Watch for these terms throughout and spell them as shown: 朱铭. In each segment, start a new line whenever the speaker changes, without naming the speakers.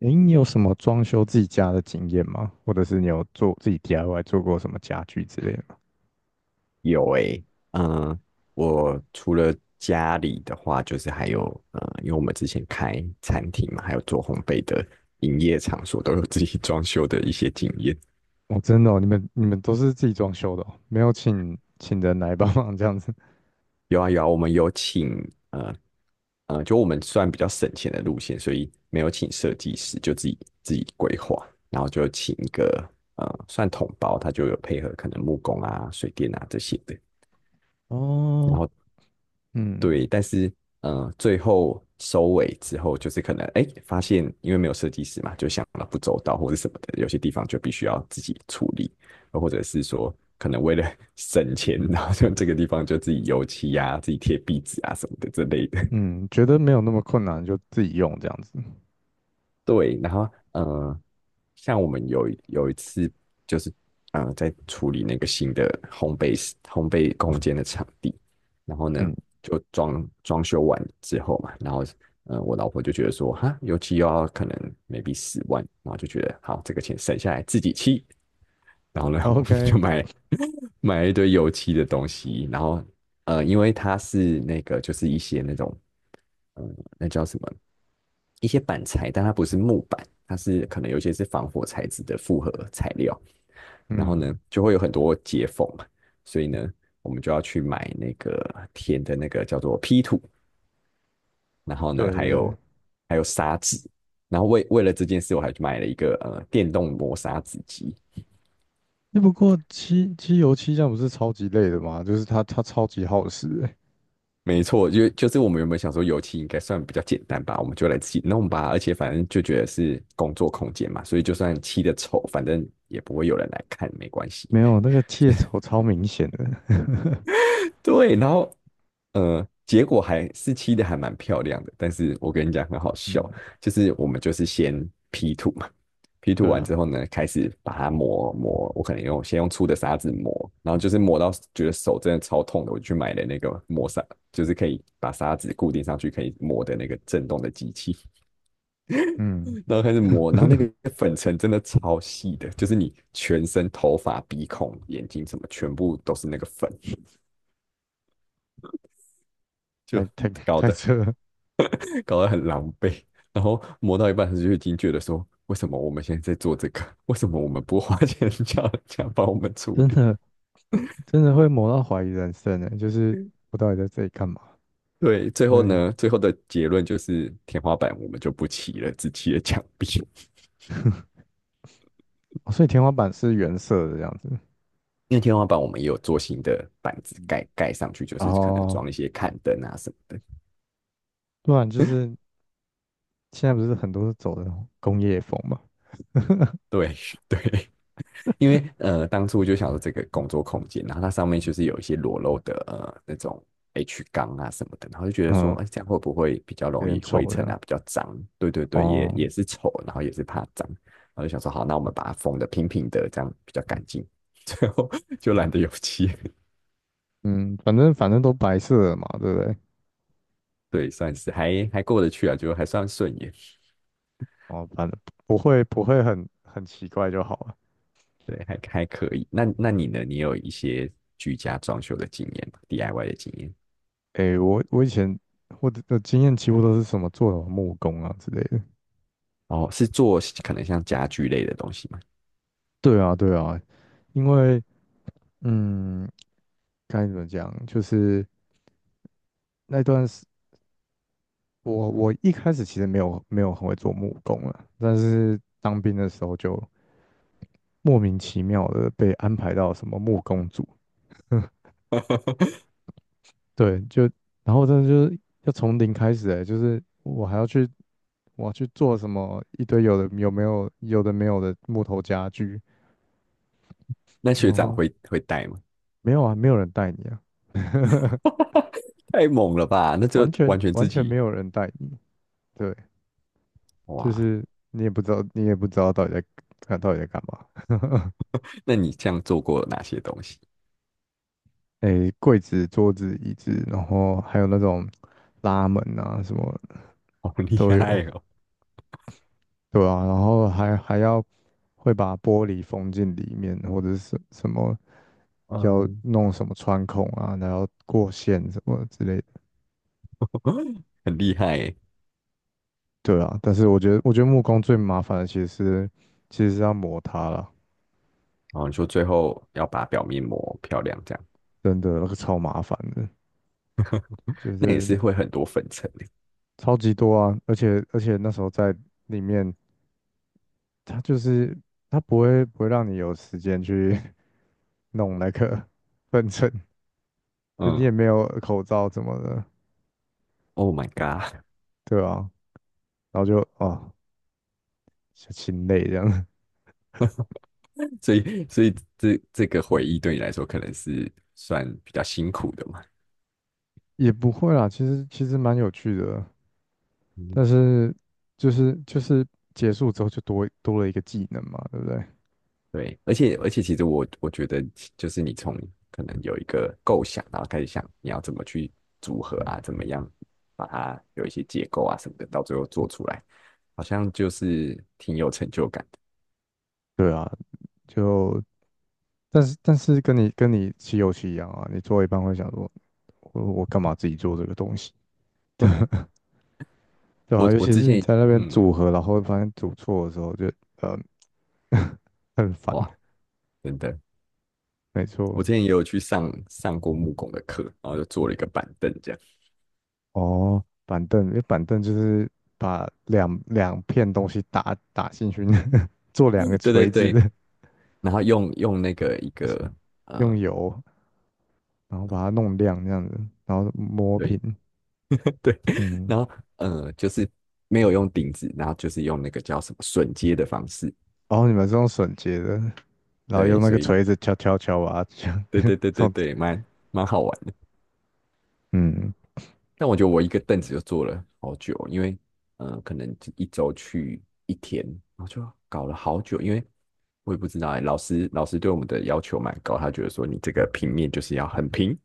诶，你有什么装修自己家的经验吗？或者是你有做自己 DIY 做过什么家具之类的吗？
有诶，嗯，我除了家里的话，就是还有，因为我们之前开餐厅嘛，还有做烘焙的营业场所，都有自己装修的一些经验。
哦，真的哦，你们都是自己装修的哦，没有请人来帮忙这样子。
有啊有啊，我们有请，呃就我们算比较省钱的路线，所以没有请设计师，就自己规划，然后就请一个算统包，他就有配合可能木工啊、水电啊这些的。然
哦，
后
嗯
对，但是，最后收尾之后，就是可能哎，发现因为没有设计师嘛，就想了不周到或者什么的，有些地方就必须要自己处理，或者是说可能为了 省钱，然后就这个地方就自己油漆啊、自己贴壁纸啊什么的之类的。
嗯，觉得没有那么困难就自己用这样子。
对，然后，像我们有一次，就是，在处理那个新的烘焙室烘焙空间的场地。然后呢
嗯
就装修完之后嘛，然后，我老婆就觉得说哈，油漆又要可能 maybe 10万，然后就觉得好这个钱省下来自己漆。然后呢 我们就
，OK，
买了一堆油漆的东西。然后，因为它是那个就是一些那种，那叫什么？一些板材，但它不是木板，它是可能有些是防火材质的复合材料。然后
嗯，
呢就会有很多接缝嘛，所以呢我们就要去买那个填的那个叫做 P 土，然后呢
对
还
对。
有，砂纸。然后为了这件事我还去买了一个电动磨砂纸机。
那不过漆油漆这样不是超级累的吗？就是它超级耗时诶，
没错，就是我们原本想说油漆应该算比较简单吧，我们就来自己弄吧。而且反正就觉得是工作空间嘛，所以就算漆的丑，反正也不会有人来看，没关系。
没有那个切头超明显的。
对，然后，结果还是漆的还蛮漂亮的，但是我跟你讲很好
嗯，
笑，就是我们就是先 P 图嘛，P 图
对
完
啊，
之后呢，开始把它磨磨，我可能先用粗的砂纸磨，然后就是磨到觉得手真的超痛的，我就去买了那个磨砂，就是可以把砂纸固定上去可以磨的那个震动的机器。
嗯，
然后开始 磨，然后那个粉尘真的超细的，就是你全身头发、鼻孔、眼睛什么全部都是那个粉，
太
就
太
搞
太
的。
扯了。
搞得很狼狈。然后磨到一半他就已经觉得说，为什么我们现在在做这个？为什么我们不花钱 叫人家帮我们处
真
理？
的真的会磨到怀疑人生呢，就是我到底在这里干嘛？
对，最后
嗯，
呢，最后的结论就是天花板我们就不漆了，只漆了墙壁。
哦所以天花板是原色的这样子，
因为天花板我们也有做新的板子
嗯，
盖上去，就
然
是可能
后
装一些看灯啊什么的。
不然就是现在不是很多是走的工业风嘛，
对 对，因为，当初就想说这个工作空间，然后它上面就是有一些裸露的那种 H 钢啊什么的。然后就觉得说，
嗯，
哎，这样会不会比较
有
容
点
易灰
丑这
尘
样。
啊，比较脏？对对对，也
哦，
也是丑，然后也是怕脏。然后就想说，好，那我们把它封的平平的，这样比较干净。最后就懒得油漆。
嗯，反正反正都白色的嘛，对不对？
对，算是还过得去啊，就还算顺眼。
哦，反正不会很很奇怪就好了。
对，还可以。那你呢？你有一些居家装修的经验吗？DIY 的经验？
诶，我以前我的经验几乎都是什么做什么木工啊之类的。
哦，是做可能像家具类的东西吗？
对啊，对啊，因为嗯，该怎么讲，就是。那段时，我一开始其实没有很会做木工啊，但是当兵的时候就莫名其妙的被安排到什么木工组，对，就然后真的就是要从零开始哎、就是我还要去我要去做什么一堆有的没有的木头家具，
那学
然
长
后
会带吗？
没有啊，没有人带你啊，
太猛了吧！那就
完全
完全自
完全没
己。
有人带你，对，就
哇。
是你也不知道到底在看到底在干嘛。
那你这样做过哪些东西？
诶，柜子、桌子、椅子，然后还有那种拉门啊，什么
好厉
都
害
有，
哦。
对啊，然后还还要会把玻璃封进里面，或者是什么要
嗯。
弄什么穿孔啊，然后过线什么之类的，
很厉害欸。
对啊。但是我觉得，我觉得木工最麻烦的其实是要磨它啦，
然后你说最后要把表面磨漂亮，这样
真的那个超麻烦的，就
那也
是
是会很多粉尘的。
超级多啊，而且那时候在里面，它就是它不会让你有时间去。弄那个 分尘，就你
嗯
也没有口罩怎么的，
，Oh my god！
对啊，然后就啊，就心累这样，
所以这个回忆对你来说可能是算比较辛苦的嘛？
也不会啦，其实蛮有趣的，但
嗯，
是就是结束之后就多了一个技能嘛，对不对？
对，而且，其实我觉得，就是你从可能有一个构想，然后开始想你要怎么去组合啊，怎么样把它有一些结构啊什么的，到最后做出来，好像就是挺有成就感的。
对啊，就但是但是跟你骑游戏一样啊，你做一半会想说，我干嘛自己做这个东西，对啊，
我
尤
我
其
之
是你
前，
在那边
嗯，
组合，然后发现组错的时候就，呃 很烦，
哇，真的。
没
我
错。
之前也有去上过木工的课，然后就做了一个板凳这样。
哦，板凳，因为板凳就是把两片东西打进去，做两个
对对
锤子，
对，然后用那个一个
用
呃。
油，然后把它弄亮这样子，然后磨平，
对。对，
嗯，
然后，就是没有用顶子，然后就是用那个叫什么榫接的方式。
然后你们是用榫接的，然后
对，
用那
所
个
以
锤子敲敲敲啊，这样，
对对对
这
对
样子，
对，蛮好玩的。
嗯，
但我觉得我一个凳子就坐了好久，因为，可能一周去一天，然后就搞了好久。因为我也不知道哎，老师对我们的要求蛮高，他觉得说你这个平面就是要很平，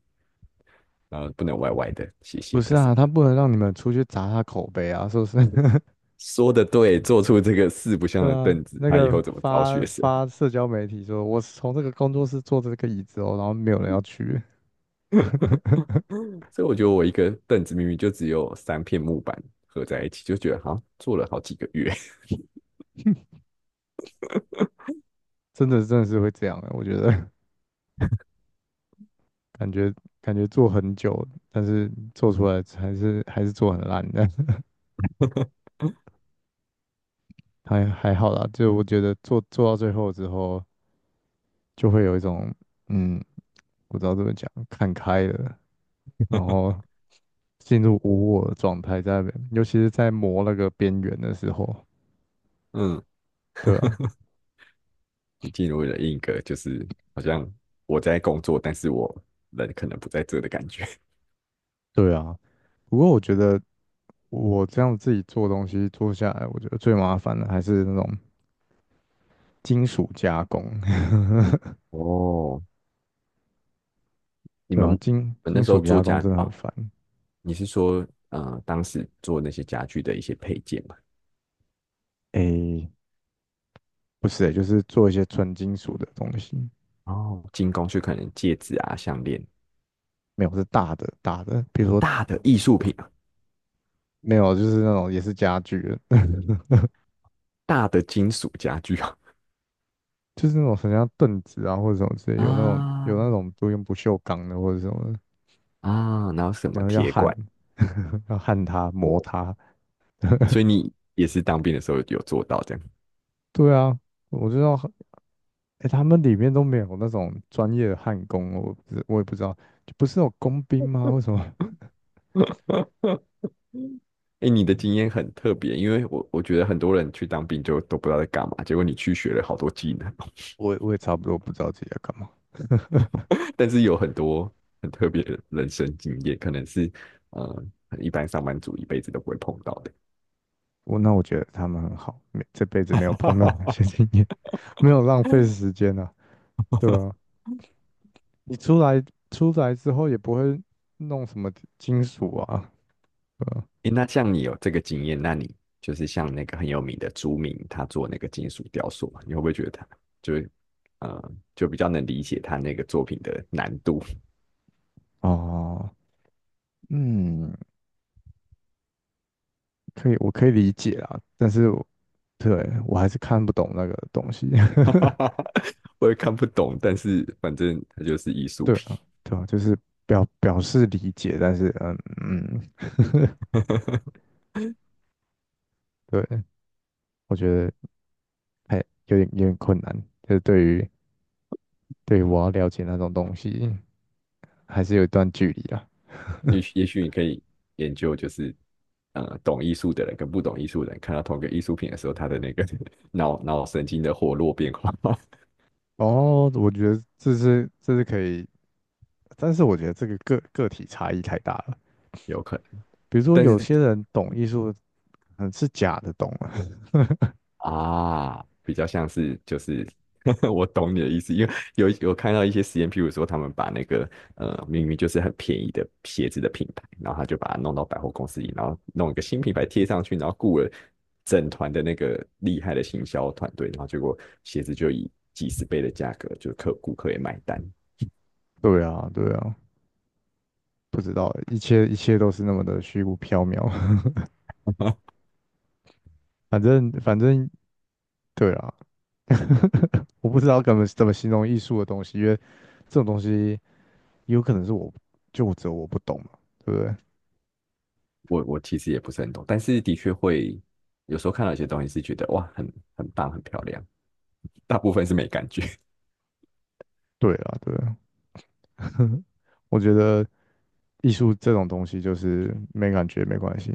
然后不能歪歪的、斜斜
不是
的什
啊，
么
他
的。
不能让你们出去砸他口碑啊，是不是？
说的对，做出这个四不像
对
的
啊，
凳子，
那
他以
个
后怎么招
发
学生？
发社交媒体说，我是从这个工作室做这个椅子哦，然后没有人要去，
所以我觉得我一个凳子明明就只有3片木板合在一起，就觉得好像做了好几个月。
真的真的是会这样的，我觉得。感觉感觉做很久，但是做出来还是做很烂的，还还好啦。就我觉得做到最后之后，就会有一种嗯，不知道怎么讲，看开了，然后进入无我的状态在那边，尤其是在磨那个边缘的时候。
嗯，
对啊，
就进入了一个就是好像我在工作，但是我人可能不在这的感觉。
对啊。不过我觉得我这样自己做东西做下来，我觉得最麻烦的还是那种金属加工。
哦，你
对
们
啊，
你
金
们那
金
时候
属
做
加工
家
真的很
哦，
烦。
你是说当时做那些家具的一些配件嘛？
诶，不是、欸，就是做一些纯金属的东西，
哦，精工就可能戒指啊、项链。
没有是大的，比如说
大的艺术品啊。
没有就是那种也是家具的
大的金属家具啊。
就是那种什么像凳子啊或者什么之类，有那种
啊
有那种都用不锈钢的或者什么的
啊，然后什
然
么
后要
铁
焊
管。
要焊它
哦，
磨它，
所以你也是当兵的时候有做到这样。
对啊，我知道，哎、他们里面都没有那种专业的焊工，我也不知道，就不是有工兵吗？为什么？
哎，你的经验很特别，因为我觉得很多人去当兵就都不知道在干嘛，结果你去学了好多技能哦。
我我也差不多不知道自己在干嘛。
但是有很多很特别的人生经验，可能是呃一般上班族一辈子都不会碰到的。
我那我觉得他们很好，没这辈子没有碰到那 些经验，没有浪费
哎，
时间啊。对啊，你出来出来之后也不会弄什么金属啊，对吧
那像你有这个经验，那你就是像那个很有名的朱铭，他做那个金属雕塑嘛，你会不会觉得他就是，就比较能理解他那个作品的难度？
哦，嗯，可以，我可以理解啊。但是我还是看不懂那个东西。
我也看不懂，但是反正它就是艺 术
对
品。
啊，对啊，就是表示理解，但是嗯嗯，对，我觉得还有点困难，就是对于我要了解那种东西，还是有一段距离啊。
也许你可以研究，就是，懂艺术的人跟不懂艺术的人看到同一个艺术品的时候，他的那个 脑神经的活络变化。
哦，我觉得这是可以，但是我觉得这个个体差异太大了。
有可能。
比如说
但
有
是
些人懂艺术，嗯，是假的懂啊。
啊，比较像是就是， 我懂你的意思，因为有看到一些实验，譬如说他们把那个，明明就是很便宜的鞋子的品牌，然后他就把它弄到百货公司里，然后弄一个新品牌贴上去，然后雇了整团的那个厉害的行销团队，然后结果鞋子就以几十倍的价格，就顾客也买单。
对啊，对啊，不知道，一切都是那么的虚无缥缈。反正反正，对啊，我不知道怎么形容艺术的东西，因为这种东西有可能是我就只有我不懂嘛，对不对？
我其实也不是很懂，但是的确会有时候看到一些东西是觉得哇，很棒，很漂亮，大部分是没感觉。
对啊，对啊，我觉得艺术这种东西就是没感觉没关系，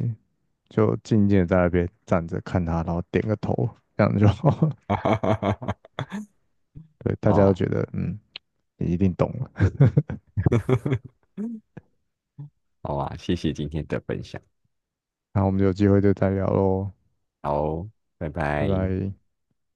就静静的在那边站着看它，然后点个头，这样就好。对，大家都
啊，
觉得嗯，你一定懂了。
好啊，谢谢今天的分享。
那我们有机会就再聊喽，
好，拜
拜
拜。
拜。